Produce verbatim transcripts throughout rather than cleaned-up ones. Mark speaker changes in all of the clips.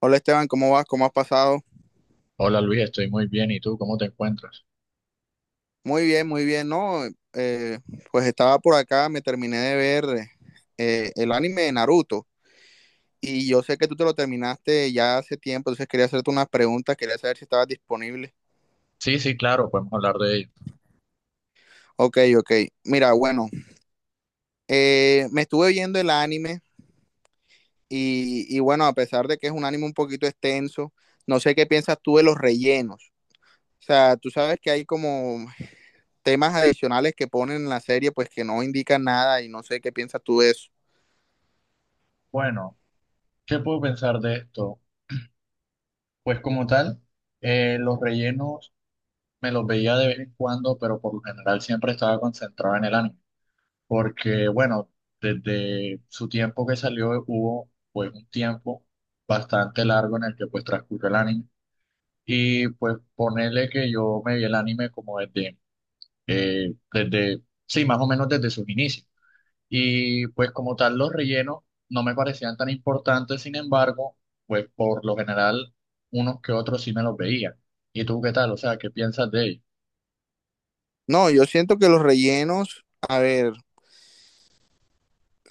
Speaker 1: Hola Esteban, ¿cómo vas? ¿Cómo has pasado?
Speaker 2: Hola Luis, estoy muy bien. ¿Y tú cómo te encuentras?
Speaker 1: Muy bien, muy bien, ¿no? Eh, pues estaba por acá, me terminé de ver eh, el anime de Naruto y yo sé que tú te lo terminaste ya hace tiempo, entonces quería hacerte unas preguntas, quería saber si estabas disponible.
Speaker 2: Sí, sí, claro, podemos hablar de ello.
Speaker 1: Ok, ok. Mira, bueno, eh, me estuve viendo el anime y, y bueno, a pesar de que es un anime un poquito extenso, no sé qué piensas tú de los rellenos. O sea, tú sabes que hay como temas adicionales que ponen en la serie pues que no indican nada y no sé qué piensas tú de eso.
Speaker 2: Bueno, ¿qué puedo pensar de esto? Pues como tal, eh, los rellenos me los veía de vez en cuando, pero por lo general siempre estaba concentrado en el anime. Porque bueno, desde su tiempo que salió hubo pues un tiempo bastante largo en el que pues transcurrió el anime. Y pues ponerle que yo me vi el anime como desde, eh, desde, sí, más o menos desde sus inicios. Y pues como tal los rellenos no me parecían tan importantes, sin embargo, pues por lo general unos que otros sí me los veía. ¿Y tú qué tal? O sea, ¿qué piensas de ellos?
Speaker 1: No, yo siento que los rellenos, a ver,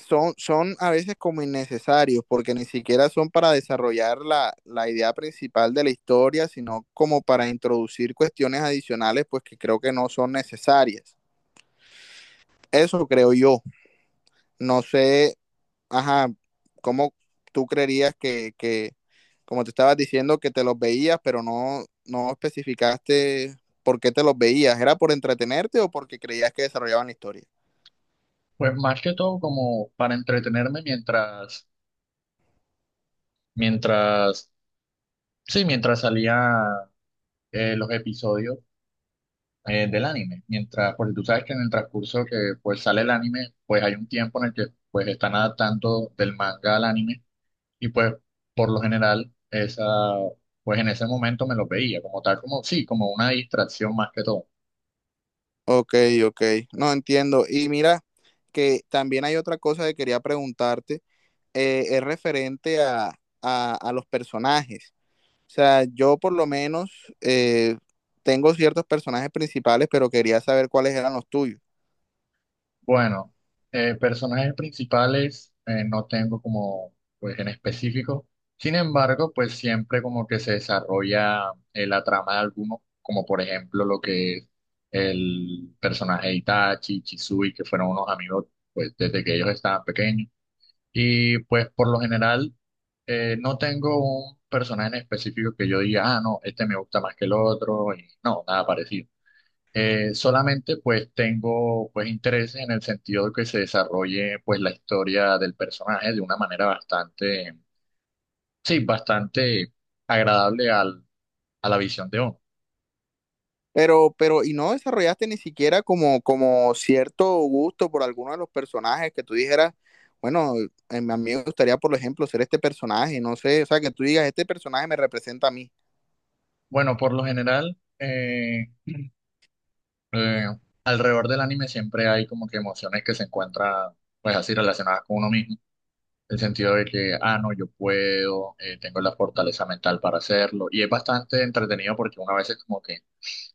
Speaker 1: son, son a veces como innecesarios, porque ni siquiera son para desarrollar la, la idea principal de la historia, sino como para introducir cuestiones adicionales, pues que creo que no son necesarias. Eso creo yo. No sé, ajá, cómo tú creerías que, que como te estabas diciendo, que te los veías, pero no, no especificaste por qué te los veías. ¿Era por entretenerte o porque creías que desarrollaban la historia?
Speaker 2: Pues más que todo como para entretenerme mientras, mientras, sí, mientras salía eh, los episodios eh, del anime. Mientras, porque tú sabes que en el transcurso que pues sale el anime, pues hay un tiempo en el que pues están adaptando del manga al anime. Y pues, por lo general, esa, pues en ese momento me los veía como tal, como sí, como una distracción más que todo.
Speaker 1: Ok, ok. No entiendo. Y mira, que también hay otra cosa que quería preguntarte, eh, es referente a, a- a los personajes. O sea, yo por lo menos eh, tengo ciertos personajes principales, pero quería saber cuáles eran los tuyos.
Speaker 2: Bueno, eh, personajes principales eh, no tengo como, pues en específico. Sin embargo, pues siempre como que se desarrolla eh, la trama de algunos, como por ejemplo lo que es el personaje de Itachi, Chisui, que fueron unos amigos, pues desde que ellos estaban pequeños. Y pues por lo general eh, no tengo un personaje en específico que yo diga, ah, no, este me gusta más que el otro, y no, nada parecido. Eh, solamente pues tengo pues interés en el sentido de que se desarrolle pues la historia del personaje de una manera bastante, sí, bastante agradable al, a la visión de uno.
Speaker 1: Pero, pero, y no desarrollaste ni siquiera como, como cierto gusto por alguno de los personajes que tú dijeras, bueno, eh, a mí me gustaría, por ejemplo, ser este personaje, no sé, o sea, que tú digas, este personaje me representa a mí.
Speaker 2: Bueno, por lo general, eh, eh, alrededor del anime siempre hay como que emociones que se encuentran pues así relacionadas con uno mismo. El sentido de que, ah, no, yo puedo, eh, tengo la fortaleza mental para hacerlo. Y es bastante entretenido porque una vez es como que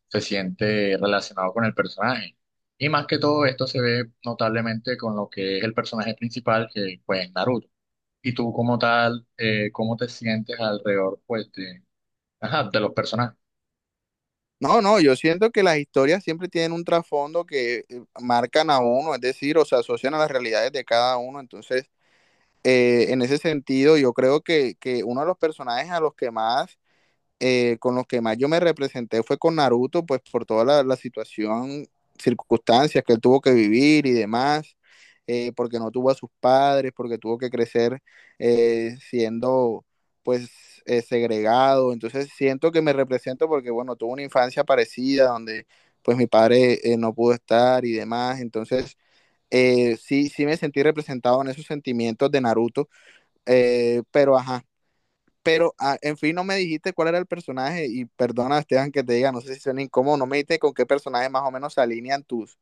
Speaker 2: se siente relacionado con el personaje. Y más que todo esto se ve notablemente con lo que es el personaje principal, que pues es Naruto. Y tú como tal, eh, ¿cómo te sientes alrededor pues de, ajá, de los personajes?
Speaker 1: No, no, yo siento que las historias siempre tienen un trasfondo que eh, marcan a uno, es decir, o se asocian a las realidades de cada uno. Entonces, eh, en ese sentido, yo creo que, que uno de los personajes a los que más eh, con los que más yo me representé fue con Naruto, pues por toda la, la situación, circunstancias que él tuvo que vivir y demás, eh, porque no tuvo a sus padres, porque tuvo que crecer eh, siendo pues eh, segregado. Entonces siento que me represento porque, bueno, tuve una infancia parecida donde pues mi padre eh, no pudo estar y demás. Entonces… Eh, sí, sí me sentí representado en esos sentimientos de Naruto, eh, pero ajá, pero, ah, en fin, no me dijiste cuál era el personaje y perdona, Esteban, que te diga, no sé si suena incómodo, no me dijiste con qué personaje más o menos se alinean tus,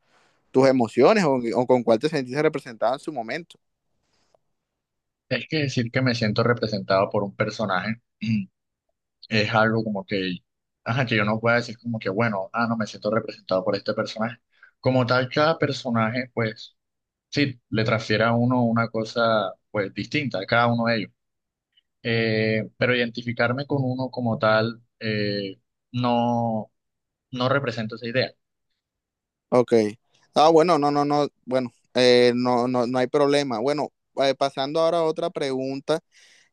Speaker 1: tus emociones o, o con cuál te sentiste representado en su momento.
Speaker 2: Es que decir que me siento representado por un personaje es algo como que, ajá, que yo no pueda decir como que, bueno, ah, no me siento representado por este personaje. Como tal, cada personaje, pues, sí, le transfiere a uno una cosa, pues, distinta a cada uno de ellos. Eh, pero identificarme con uno como tal, eh, no, no representa esa idea.
Speaker 1: Ok. Ah, bueno, no, no, no, bueno, eh, no, no, no hay problema. Bueno, eh, pasando ahora a otra pregunta,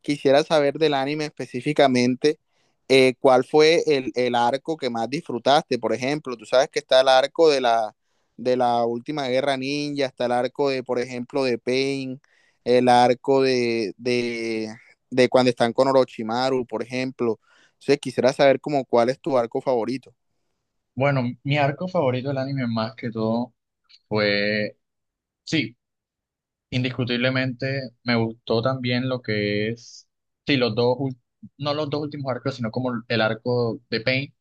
Speaker 1: quisiera saber del anime específicamente, eh, ¿cuál fue el, el arco que más disfrutaste? Por ejemplo, tú sabes que está el arco de la, de la última guerra ninja, está el arco de, por ejemplo, de Pain, el arco de, de, de cuando están con Orochimaru, por ejemplo. Entonces, quisiera saber como cuál es tu arco favorito.
Speaker 2: Bueno, mi arco favorito del anime más que todo fue, sí, indiscutiblemente me gustó también lo que es, sí, los dos, ul- no los dos últimos arcos, sino como el arco de Pain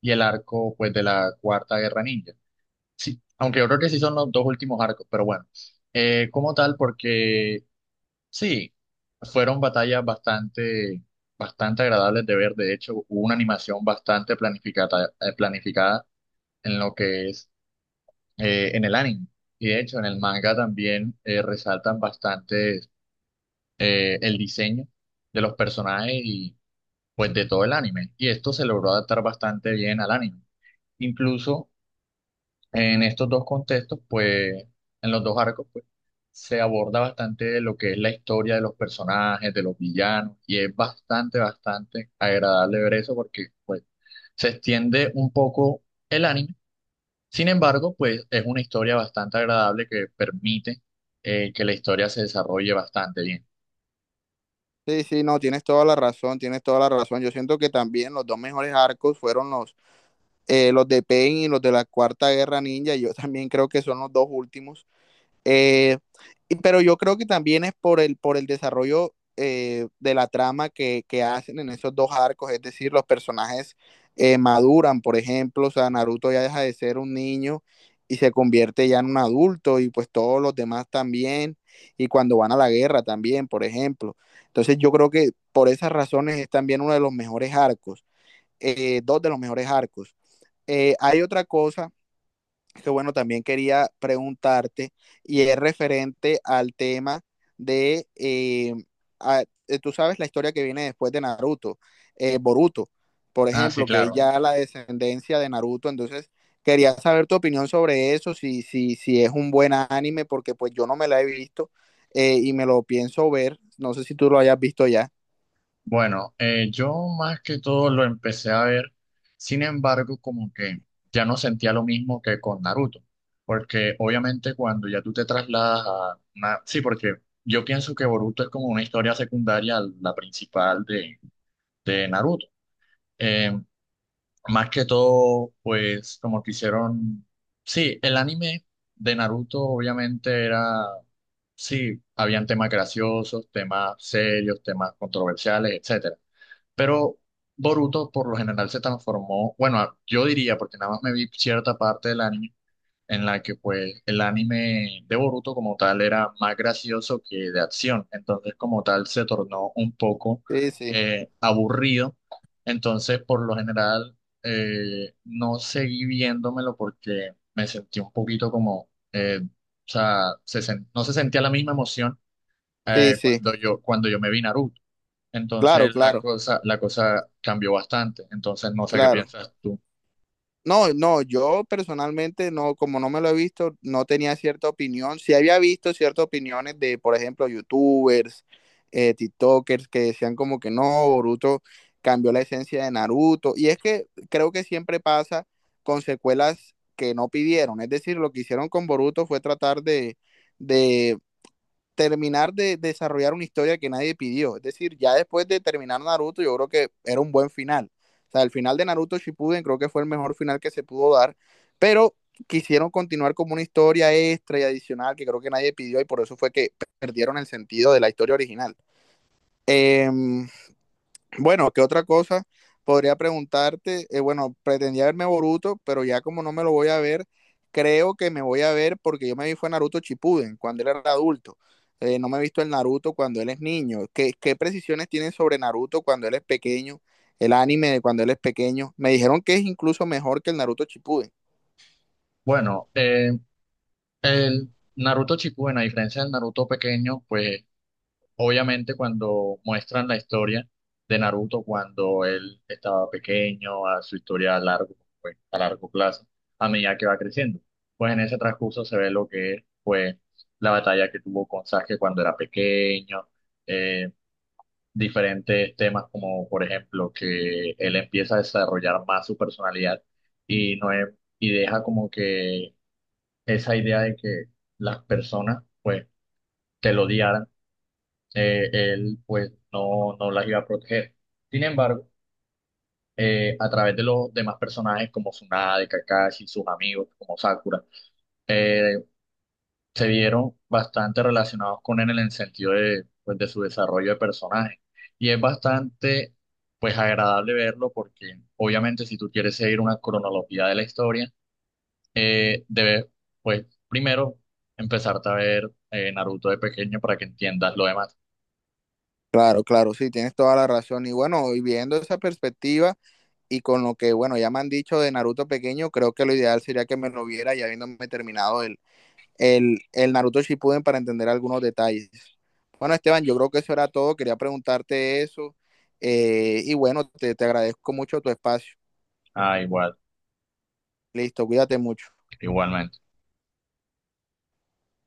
Speaker 2: y el arco pues de la Cuarta Guerra Ninja. Sí, aunque yo creo que sí son los dos últimos arcos, pero bueno. Eh, como tal, porque sí, fueron batallas bastante, bastante agradables de ver. De hecho, hubo una animación bastante planificada, eh, planificada en lo que es eh, en el anime. Y de hecho, en el manga también eh, resaltan bastante eh, el diseño de los personajes y pues de todo el anime. Y esto se logró adaptar bastante bien al anime. Incluso en estos dos contextos, pues en los dos arcos, pues se aborda bastante lo que es la historia de los personajes, de los villanos, y es bastante, bastante agradable ver eso porque pues se extiende un poco el anime. Sin embargo, pues es una historia bastante agradable que permite eh, que la historia se desarrolle bastante bien.
Speaker 1: Sí, sí, no, tienes toda la razón, tienes toda la razón. Yo siento que también los dos mejores arcos fueron los, eh, los de Pain y los de la Cuarta Guerra Ninja. Yo también creo que son los dos últimos. Eh, pero yo creo que también es por el, por el desarrollo eh, de la trama que, que hacen en esos dos arcos, es decir, los personajes eh, maduran, por ejemplo, o sea, Naruto ya deja de ser un niño y se convierte ya en un adulto y pues todos los demás también, y cuando van a la guerra también, por ejemplo. Entonces yo creo que por esas razones es también uno de los mejores arcos, eh, dos de los mejores arcos. Eh, hay otra cosa que bueno, también quería preguntarte y es referente al tema de, eh, a- eh, tú sabes la historia que viene después de Naruto, eh, Boruto, por
Speaker 2: Ah, sí,
Speaker 1: ejemplo, que es
Speaker 2: claro.
Speaker 1: ya la descendencia de Naruto, entonces quería saber tu opinión sobre eso, si, si, si es un buen anime, porque pues yo no me la he visto eh, y me lo pienso ver, no sé si tú lo hayas visto ya.
Speaker 2: Bueno, eh, yo más que todo lo empecé a ver, sin embargo, como que ya no sentía lo mismo que con Naruto, porque obviamente cuando ya tú te trasladas a una... Sí, porque yo pienso que Boruto es como una historia secundaria a la principal de, de Naruto. Eh, Más que todo, pues como que hicieron... Sí, el anime de Naruto obviamente era... Sí, habían temas graciosos, temas serios, temas controversiales, etcétera. Pero Boruto por lo general se transformó, bueno, a- yo diría, porque nada más me vi cierta parte del anime en la que pues el anime de Boruto como tal era más gracioso que de acción, entonces como tal se tornó un poco
Speaker 1: Sí, sí,
Speaker 2: eh, aburrido, entonces por lo general eh, no seguí viéndomelo porque me sentí un poquito como, eh, o sea, se sen- no se sentía la misma emoción
Speaker 1: sí,
Speaker 2: eh,
Speaker 1: sí,
Speaker 2: cuando yo, cuando yo me vi Naruto.
Speaker 1: claro,
Speaker 2: Entonces la
Speaker 1: claro,
Speaker 2: cosa, la cosa cambió bastante. Entonces no sé qué
Speaker 1: claro.
Speaker 2: piensas tú.
Speaker 1: No, no, yo personalmente no, como no me lo he visto, no tenía cierta opinión. Sí había visto ciertas opiniones de, por ejemplo, youtubers, eh, TikTokers que decían como que no, Boruto cambió la esencia de Naruto. Y es que creo que siempre pasa con secuelas que no pidieron. Es decir, lo que hicieron con Boruto fue tratar de, de terminar de desarrollar una historia que nadie pidió. Es decir, ya después de terminar Naruto, yo creo que era un buen final. O sea, el final de Naruto Shippuden creo que fue el mejor final que se pudo dar, pero quisieron continuar como una historia extra y adicional que creo que nadie pidió y por eso fue que perdieron el sentido de la historia original. Eh, bueno, ¿qué otra cosa podría preguntarte? Eh, bueno, pretendía verme Boruto, pero ya como no me lo voy a ver, creo que me voy a ver porque yo me vi fue Naruto Chipuden cuando él era adulto. Eh, no me he visto el Naruto cuando él es niño. ¿Qué, qué precisiones tienen sobre Naruto cuando él es pequeño? El anime de cuando él es pequeño. Me dijeron que es incluso mejor que el Naruto Chipuden.
Speaker 2: Bueno, eh, el Naruto Shippuden, a diferencia del Naruto pequeño, pues obviamente cuando muestran la historia de Naruto cuando él estaba pequeño, a su historia a largo, pues, a largo plazo, a medida que va creciendo, pues en ese transcurso se ve lo que es, pues, la batalla que tuvo con Sasuke cuando era pequeño, eh, diferentes temas, como por ejemplo que él empieza a desarrollar más su personalidad y, no es- y deja como que esa idea de que las personas pues que lo odiaran, eh, él pues no, no las iba a proteger. Sin embargo, eh, a través de los demás personajes como Tsunade, Kakashi, sus amigos como Sakura, eh, se vieron bastante relacionados con él en el sentido de, pues, de su desarrollo de personaje. Y es bastante, pues, agradable verlo porque obviamente si tú quieres seguir una cronología de la historia, eh, debes, pues, primero empezarte a ver eh, Naruto de pequeño para que entiendas lo demás.
Speaker 1: Claro, claro, sí, tienes toda la razón. Y bueno, y viendo esa perspectiva y con lo que, bueno, ya me han dicho de Naruto pequeño, creo que lo ideal sería que me lo viera ya habiéndome terminado el, el, el Naruto Shippuden para entender algunos detalles. Bueno, Esteban, yo creo que eso era todo. Quería preguntarte eso. Eh, y bueno, te, te agradezco mucho tu espacio.
Speaker 2: Ah, igual,
Speaker 1: Listo, cuídate mucho.
Speaker 2: igualmente.